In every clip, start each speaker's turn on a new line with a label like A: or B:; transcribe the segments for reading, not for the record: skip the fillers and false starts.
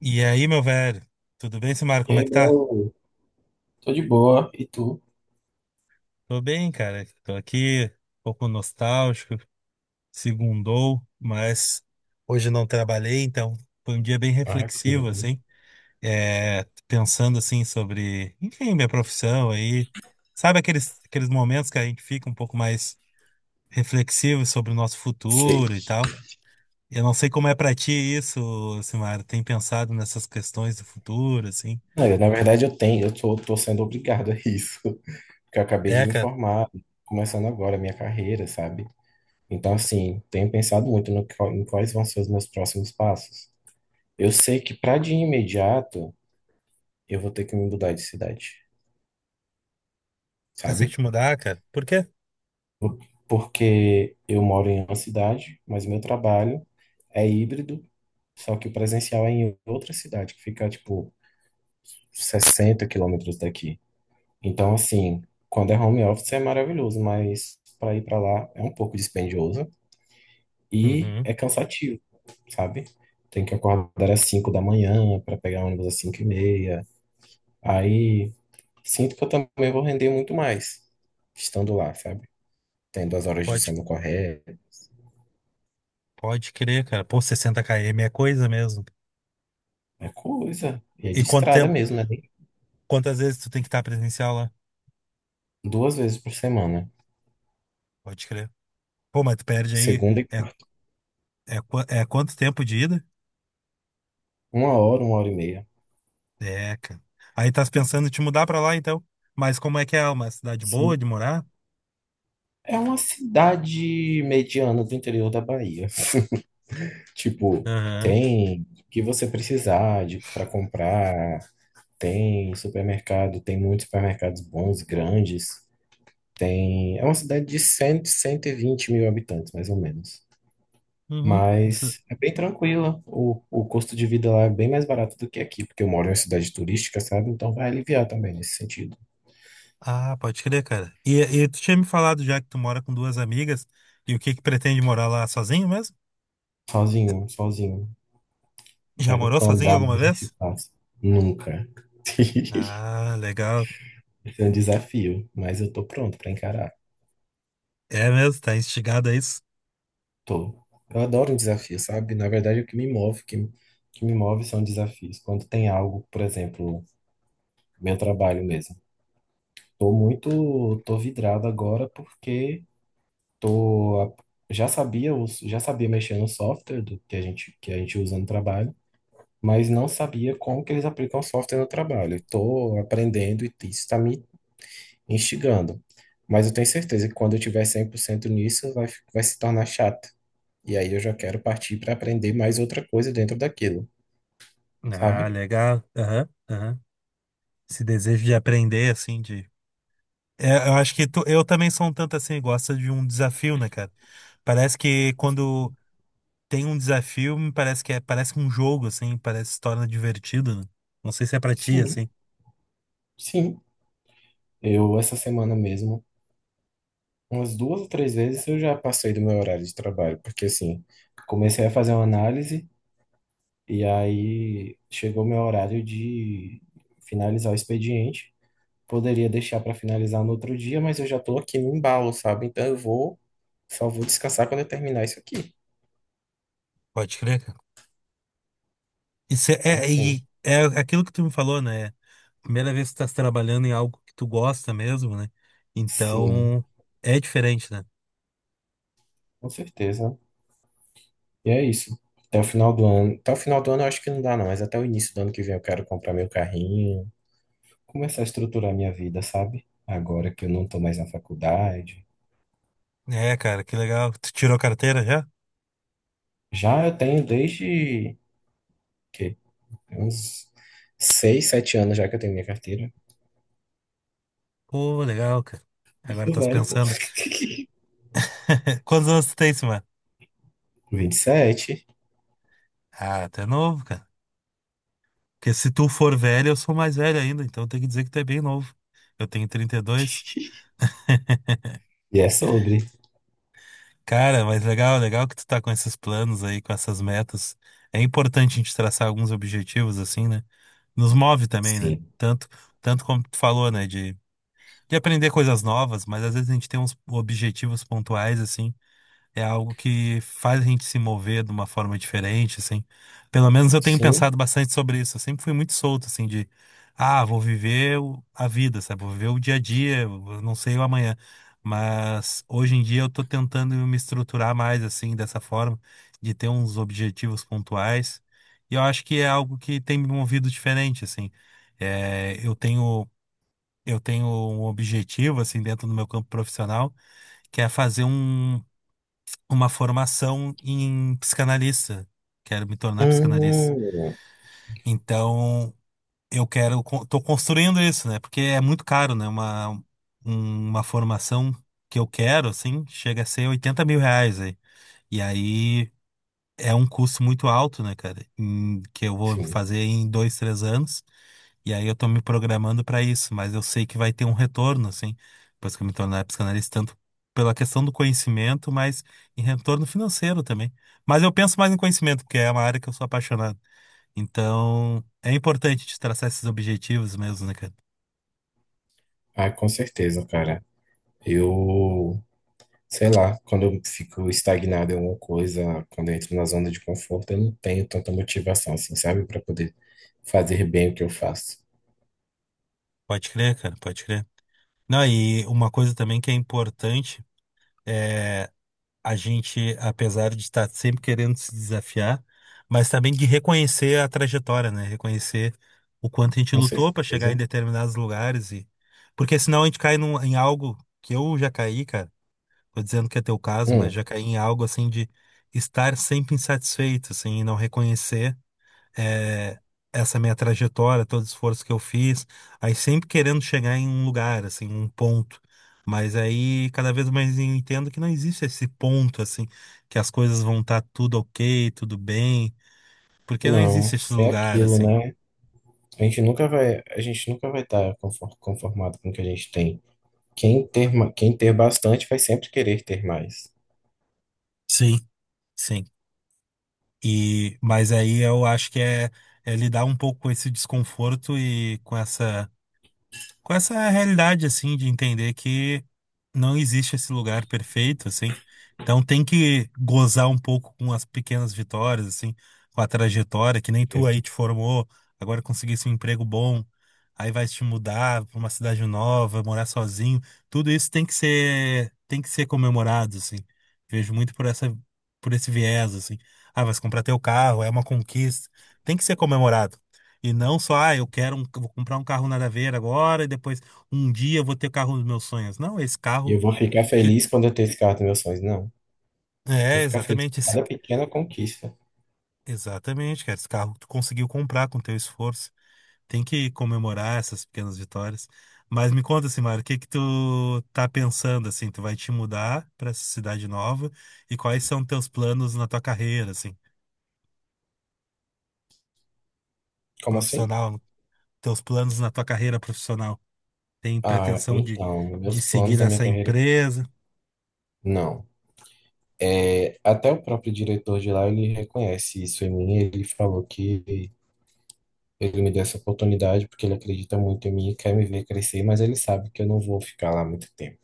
A: E aí, meu velho? Tudo bem, Simar?
B: E
A: Como é
B: aí,
A: que tá?
B: bro? Tô de boa. E tu?
A: Tô bem, cara. Tô aqui, um pouco nostálgico, segundou, mas hoje não trabalhei, então foi um dia bem
B: Ah, que coisa
A: reflexivo,
B: boa.
A: assim. É, pensando, assim, sobre, enfim, minha profissão aí. Sabe aqueles momentos que a gente fica um pouco mais reflexivo sobre o nosso
B: Sei.
A: futuro e tal? Eu não sei como é pra ti isso, Simar. Tem pensado nessas questões do futuro, assim?
B: É, na verdade, eu tô sendo obrigado a isso, porque eu acabei de
A: É,
B: me
A: cara.
B: formar, começando agora a minha carreira, sabe? Então, assim, tenho pensado muito no, qual- em quais vão ser os meus próximos passos. Eu sei que para de imediato eu vou ter que me mudar de cidade,
A: Vai ser que
B: sabe?
A: te mudar, cara. Por quê?
B: Porque eu moro em uma cidade, mas meu trabalho é híbrido, só que o presencial é em outra cidade, que fica, tipo, 60 quilômetros daqui. Então, assim, quando é home office é maravilhoso, mas para ir para lá é um pouco dispendioso e
A: Uhum.
B: é cansativo, sabe? Tem que acordar às 5 da manhã para pegar ônibus às 5h30. Aí sinto que eu também vou render muito mais estando lá, sabe? Tendo as horas de
A: Pode,
B: sono corretas.
A: pode crer, cara. Pô, 60 km é coisa mesmo.
B: É coisa. E é
A: E
B: de
A: quanto
B: estrada
A: tempo,
B: mesmo, né?
A: quantas vezes tu tem que estar presencial lá?
B: Duas vezes por semana.
A: Pode crer. Pô, mas tu perde aí.
B: Segunda e
A: É,
B: quarta.
A: é, quanto tempo de ida?
B: Uma hora e meia.
A: É, cara. Aí tá pensando em te mudar pra lá, então. Mas como é que é? Uma cidade boa
B: Sim.
A: de morar?
B: É uma cidade mediana do interior da Bahia. Tipo,
A: Aham.
B: tem o que você precisar de para comprar, tem supermercado, tem muitos supermercados bons, grandes. Tem, é uma cidade de cem, 120 mil habitantes, mais ou menos.
A: Uhum. Isso-
B: Mas é bem tranquila. O custo de vida lá é bem mais barato do que aqui, porque eu moro em uma cidade turística, sabe? Então vai aliviar também nesse sentido.
A: Ah, pode crer, cara. E, tu tinha me falado já que tu mora com duas amigas. E o que que pretende morar lá sozinho mesmo?
B: Sozinho, sozinho.
A: Já
B: Quero
A: morou sozinho
B: andar mais
A: alguma
B: nesse
A: vez?
B: espaço. Nunca.
A: Ah, legal.
B: Esse é um desafio, mas eu tô pronto para encarar.
A: É mesmo, tá instigado a isso.
B: Tô. Eu adoro um desafio, sabe? Na verdade, o que me move, que me move são desafios. Quando tem algo, por exemplo, meu trabalho mesmo. Tô vidrado agora porque tô, a- já sabia, já sabia mexer no software do que a gente usa no trabalho, mas não sabia como que eles aplicam o software no trabalho. Tô aprendendo e isso está me instigando. Mas eu tenho certeza que quando eu tiver 100% nisso, vai se tornar chato. E aí eu já quero partir para aprender mais outra coisa dentro daquilo,
A: Ah,
B: sabe?
A: legal. Aham, aham. Esse desejo de aprender, assim, de. É, eu acho que eu também sou um tanto assim, gosta de um desafio, né, cara? Parece que quando tem um desafio, me parece que é, parece um jogo, assim, parece se torna divertido, né? Não sei se é pra ti,
B: Sim,
A: assim.
B: sim. Essa semana mesmo, umas duas ou três vezes eu já passei do meu horário de trabalho, porque assim, comecei a fazer uma análise e aí chegou meu horário de finalizar o expediente. Poderia deixar para finalizar no outro dia, mas eu já tô aqui no embalo, sabe? Só vou descansar quando eu terminar isso aqui.
A: Pode crer, cara. Isso é,
B: Então,
A: é,
B: assim,
A: e é aquilo que tu me falou, né? Primeira vez que tu tá trabalhando em algo que tu gosta mesmo, né?
B: sim,
A: Então, é diferente, né?
B: com certeza. E é isso. Até o final do ano eu acho que não dá, não, mas até o início do ano que vem eu quero comprar meu carrinho, começar a estruturar minha vida, sabe? Agora que eu não tô mais na faculdade.
A: É, cara, que legal. Tu tirou carteira já?
B: Já eu tenho desde que uns 6, 7 anos já que eu tenho minha carteira.
A: Pô, legal, cara.
B: Eu
A: Agora
B: sou
A: estás
B: velho, pô.
A: pensando. Quantos anos tu tem, mano?
B: 27. E sete.
A: Ah, tu é novo, cara. Porque se tu for velho, eu sou mais velho ainda, então tem que dizer que tu é bem novo. Eu tenho 32.
B: E é sobre.
A: Cara, mas legal, legal que tu tá com esses planos aí, com essas metas. É importante a gente traçar alguns objetivos assim, né? Nos move também, né?
B: Sim.
A: Tanto como tu falou, né? De aprender coisas novas, mas às vezes a gente tem uns objetivos pontuais, assim. É algo que faz a gente se mover de uma forma diferente, assim. Pelo menos eu tenho
B: Sim.
A: pensado bastante sobre isso. Eu sempre fui muito solto, assim, de, ah, vou viver a vida, sabe? Vou viver o dia a dia, eu não sei o amanhã. Mas hoje em dia eu tô tentando me estruturar mais, assim, dessa forma, de ter uns objetivos pontuais. E eu acho que é algo que tem me movido diferente, assim. É, eu tenho um objetivo, assim, dentro do meu campo profissional, que é fazer uma formação em psicanalista. Quero me tornar psicanalista.
B: Hum,
A: Então, eu quero, tô construindo isso, né? Porque é muito caro, né? Uma formação que eu quero, assim, chega a ser R$ 80.000 aí. E aí é um custo muito alto, né, cara? Que eu vou
B: sim.
A: fazer em 2, 3 anos. E aí eu tô me programando pra isso, mas eu sei que vai ter um retorno, assim, depois que eu me tornar psicanalista, tanto pela questão do conhecimento, mas em retorno financeiro também. Mas eu penso mais em conhecimento, porque é uma área que eu sou apaixonado. Então, é importante te traçar esses objetivos mesmo, né, cara?
B: Ah, com certeza, cara. Eu sei lá, quando eu fico estagnado em alguma coisa, quando eu entro na zona de conforto, eu não tenho tanta motivação, assim, sabe, para poder fazer bem o que eu faço.
A: Pode crer, cara, pode crer. Não, e uma coisa também que é importante. eh, a gente, apesar de estar sempre querendo se desafiar, mas também de reconhecer a trajetória, né? Reconhecer o quanto a gente
B: Com
A: lutou para chegar em
B: certeza.
A: determinados lugares e porque senão a gente cai em algo que eu já caí, cara. Tô dizendo que é teu caso, mas
B: Hum,
A: já caí em algo assim de estar sempre insatisfeito, assim, e não reconhecer eh, essa minha trajetória, todo o esforço que eu fiz, aí sempre querendo chegar em um lugar, assim, um ponto. Mas aí cada vez mais eu entendo que não existe esse ponto, assim, que as coisas vão estar tudo ok, tudo bem, porque não
B: não,
A: existe esse
B: é
A: lugar,
B: aquilo,
A: assim.
B: né? A gente nunca vai estar conformado com o que a gente tem. Quem ter bastante vai sempre querer ter mais.
A: Sim. Sim. E, mas aí eu acho que é lidar um pouco com esse desconforto e com essa realidade, assim, de entender que não existe esse lugar perfeito, assim. Então tem que gozar um pouco com as pequenas vitórias, assim, com a trajetória que nem
B: E
A: tu aí te formou, agora conseguisse um emprego bom, aí vai te mudar para uma cidade nova, morar sozinho. Tudo isso tem que ser comemorado, assim. Vejo muito por essa por esse viés, assim. Ah, vai se comprar teu carro, é uma conquista. Tem que ser comemorado. E não só, ah, eu quero um, vou comprar um carro nada a ver agora e depois um dia eu vou ter o carro dos meus sonhos. Não, esse carro
B: eu vou ficar
A: que
B: feliz quando eu ter esse carro dos meus sonhos. Não, vou
A: é
B: ficar feliz
A: exatamente
B: com
A: esse,
B: cada pequena conquista.
A: exatamente, cara, esse carro que tu conseguiu comprar com teu esforço. Tem que comemorar essas pequenas vitórias. Mas me conta assim, Mário, o que que tu tá pensando assim? Tu vai te mudar para essa cidade nova e quais são teus planos na tua carreira, assim,
B: Como assim?
A: profissional, teus planos na tua carreira profissional? Tem
B: Ah,
A: pretensão de
B: então, meus planos
A: seguir
B: da minha
A: essa
B: carreira,
A: empresa?
B: não. É, até o próprio diretor de lá, ele reconhece isso em mim, ele falou que ele me deu essa oportunidade porque ele acredita muito em mim e quer me ver crescer, mas ele sabe que eu não vou ficar lá muito tempo,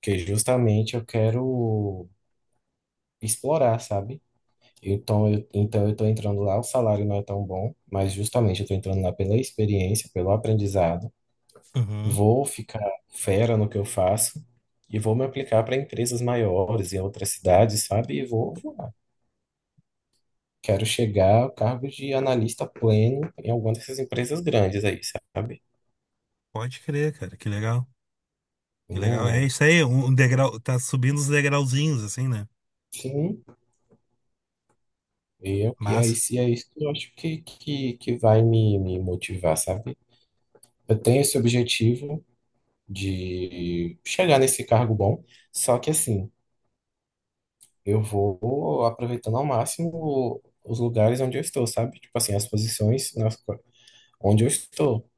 B: porque justamente eu quero explorar, sabe? Então eu tô entrando lá, o salário não é tão bom, mas justamente eu tô entrando lá pela experiência, pelo aprendizado.
A: Uhum.
B: Vou ficar fera no que eu faço e vou me aplicar para empresas maiores em outras cidades, sabe? E vou voar. Quero chegar ao cargo de analista pleno em alguma dessas empresas grandes aí, sabe?
A: Pode crer, cara. Que legal. Que legal. É
B: Não-
A: isso aí, um degrau, tá subindo os degrauzinhos, assim, né?
B: sim, e aí
A: Massa,
B: se é isso que eu acho que vai me motivar, sabe? Eu tenho esse objetivo de chegar nesse cargo bom, só que assim, eu vou aproveitando ao máximo os lugares onde eu estou, sabe? Tipo assim, as posições, onde eu estou.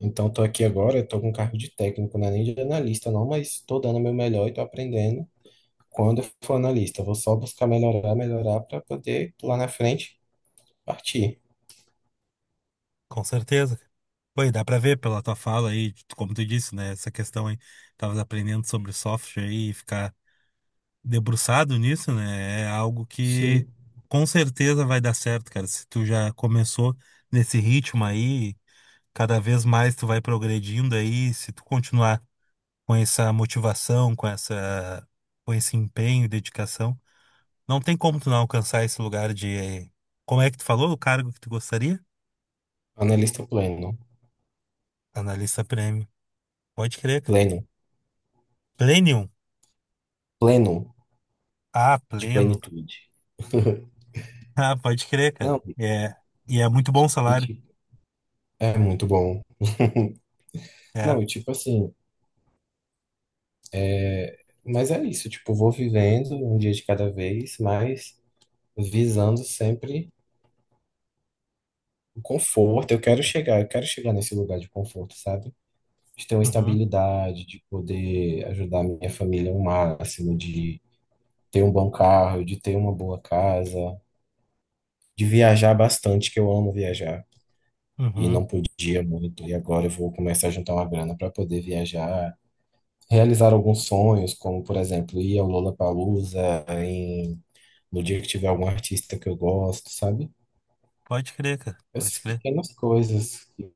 B: Então, estou aqui agora, estou com cargo de técnico, não é nem de analista, não, mas estou dando o meu melhor e estou aprendendo. Quando eu for analista, eu vou só buscar melhorar, melhorar para poder lá na frente partir.
A: com certeza. Pô, e dá pra ver pela tua fala aí, como tu disse, né? Essa questão aí, tava aprendendo sobre software aí e ficar debruçado nisso, né? É algo que
B: Sim.
A: com certeza vai dar certo, cara. Se tu já começou nesse ritmo aí, cada vez mais tu vai progredindo aí, se tu continuar com essa motivação, com esse empenho e dedicação. Não tem como tu não alcançar esse lugar Como é que tu falou o cargo que tu gostaria?
B: Analista pleno,
A: Analista prêmio. Pode crer, cara.
B: pleno,
A: Plenium.
B: pleno
A: Ah,
B: de
A: pleno.
B: plenitude.
A: Ah, pode crer, cara.
B: Não,
A: É. E é muito bom o
B: e
A: salário.
B: tipo, é muito bom.
A: É.
B: Não, e tipo assim, é, mas é isso, tipo, vou vivendo um dia de cada vez, mas visando sempre o conforto. Eu quero chegar nesse lugar de conforto, sabe? De ter uma
A: Uhum,
B: estabilidade, de poder ajudar a minha família ao máximo, de ter um bom carro, de ter uma boa casa, de viajar bastante, que eu amo viajar. E
A: uhum.
B: não podia muito, e agora eu vou começar a juntar uma grana para poder viajar, realizar alguns sonhos, como por exemplo, ir ao Lollapalooza no dia que tiver algum artista que eu gosto, sabe?
A: Pode crer, cara.
B: Essas
A: Pode crer.
B: pequenas coisas que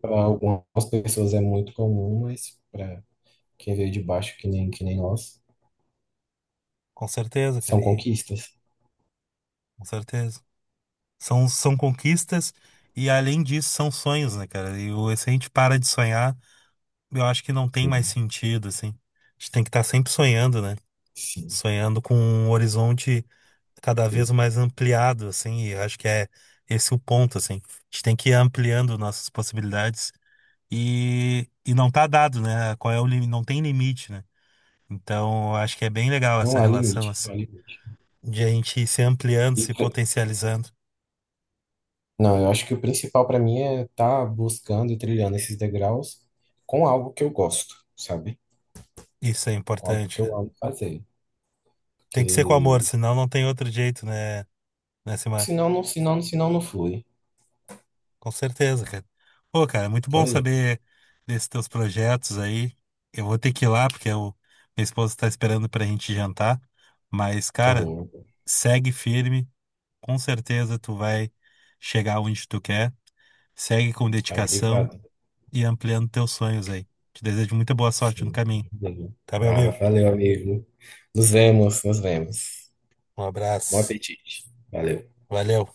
B: para algumas pessoas é muito comum, mas para quem veio de baixo que nem nós,
A: Com certeza, cara.
B: são
A: E,
B: conquistas.
A: com certeza. São conquistas e, além disso, são sonhos, né, cara? E se a gente para de sonhar, eu acho que não tem mais
B: Sim,
A: sentido, assim. A gente tem que estar sempre sonhando, né?
B: sim.
A: Sonhando com um horizonte cada vez
B: Deus.
A: mais ampliado, assim, e eu acho que é esse o ponto, assim. A gente tem que ir ampliando nossas possibilidades e, não tá dado, né? Qual é o limite? Não tem limite, né? Então, eu acho que é bem legal
B: Não
A: essa
B: há
A: relação,
B: limite,
A: assim,
B: não há limite.
A: de a gente ir se ampliando,
B: E,
A: se
B: pre-
A: potencializando.
B: não, eu acho que o principal para mim é estar buscando e trilhando esses degraus com algo que eu gosto, sabe?
A: Isso é
B: Com algo
A: importante,
B: que eu
A: cara.
B: amo fazer.
A: Tem que ser com amor,
B: Porque
A: senão não tem outro jeito, né, né, Simar?
B: senão não flui.
A: Com certeza, cara. Pô, cara, é muito bom
B: Pois é.
A: saber desses teus projetos aí. Eu vou ter que ir lá, porque eu, minha esposa está esperando pra gente jantar. Mas, cara,
B: Então,
A: segue firme. Com certeza tu vai chegar onde tu quer. Segue com
B: ah,
A: dedicação
B: obrigado.
A: e ampliando teus sonhos aí. Te desejo muita boa sorte no
B: Sim,
A: caminho.
B: obrigado.
A: Tá, meu
B: Ah,
A: amigo?
B: valeu, amigo. Nos vemos, nos vemos.
A: Um
B: Bom
A: abraço.
B: apetite. Valeu.
A: Valeu.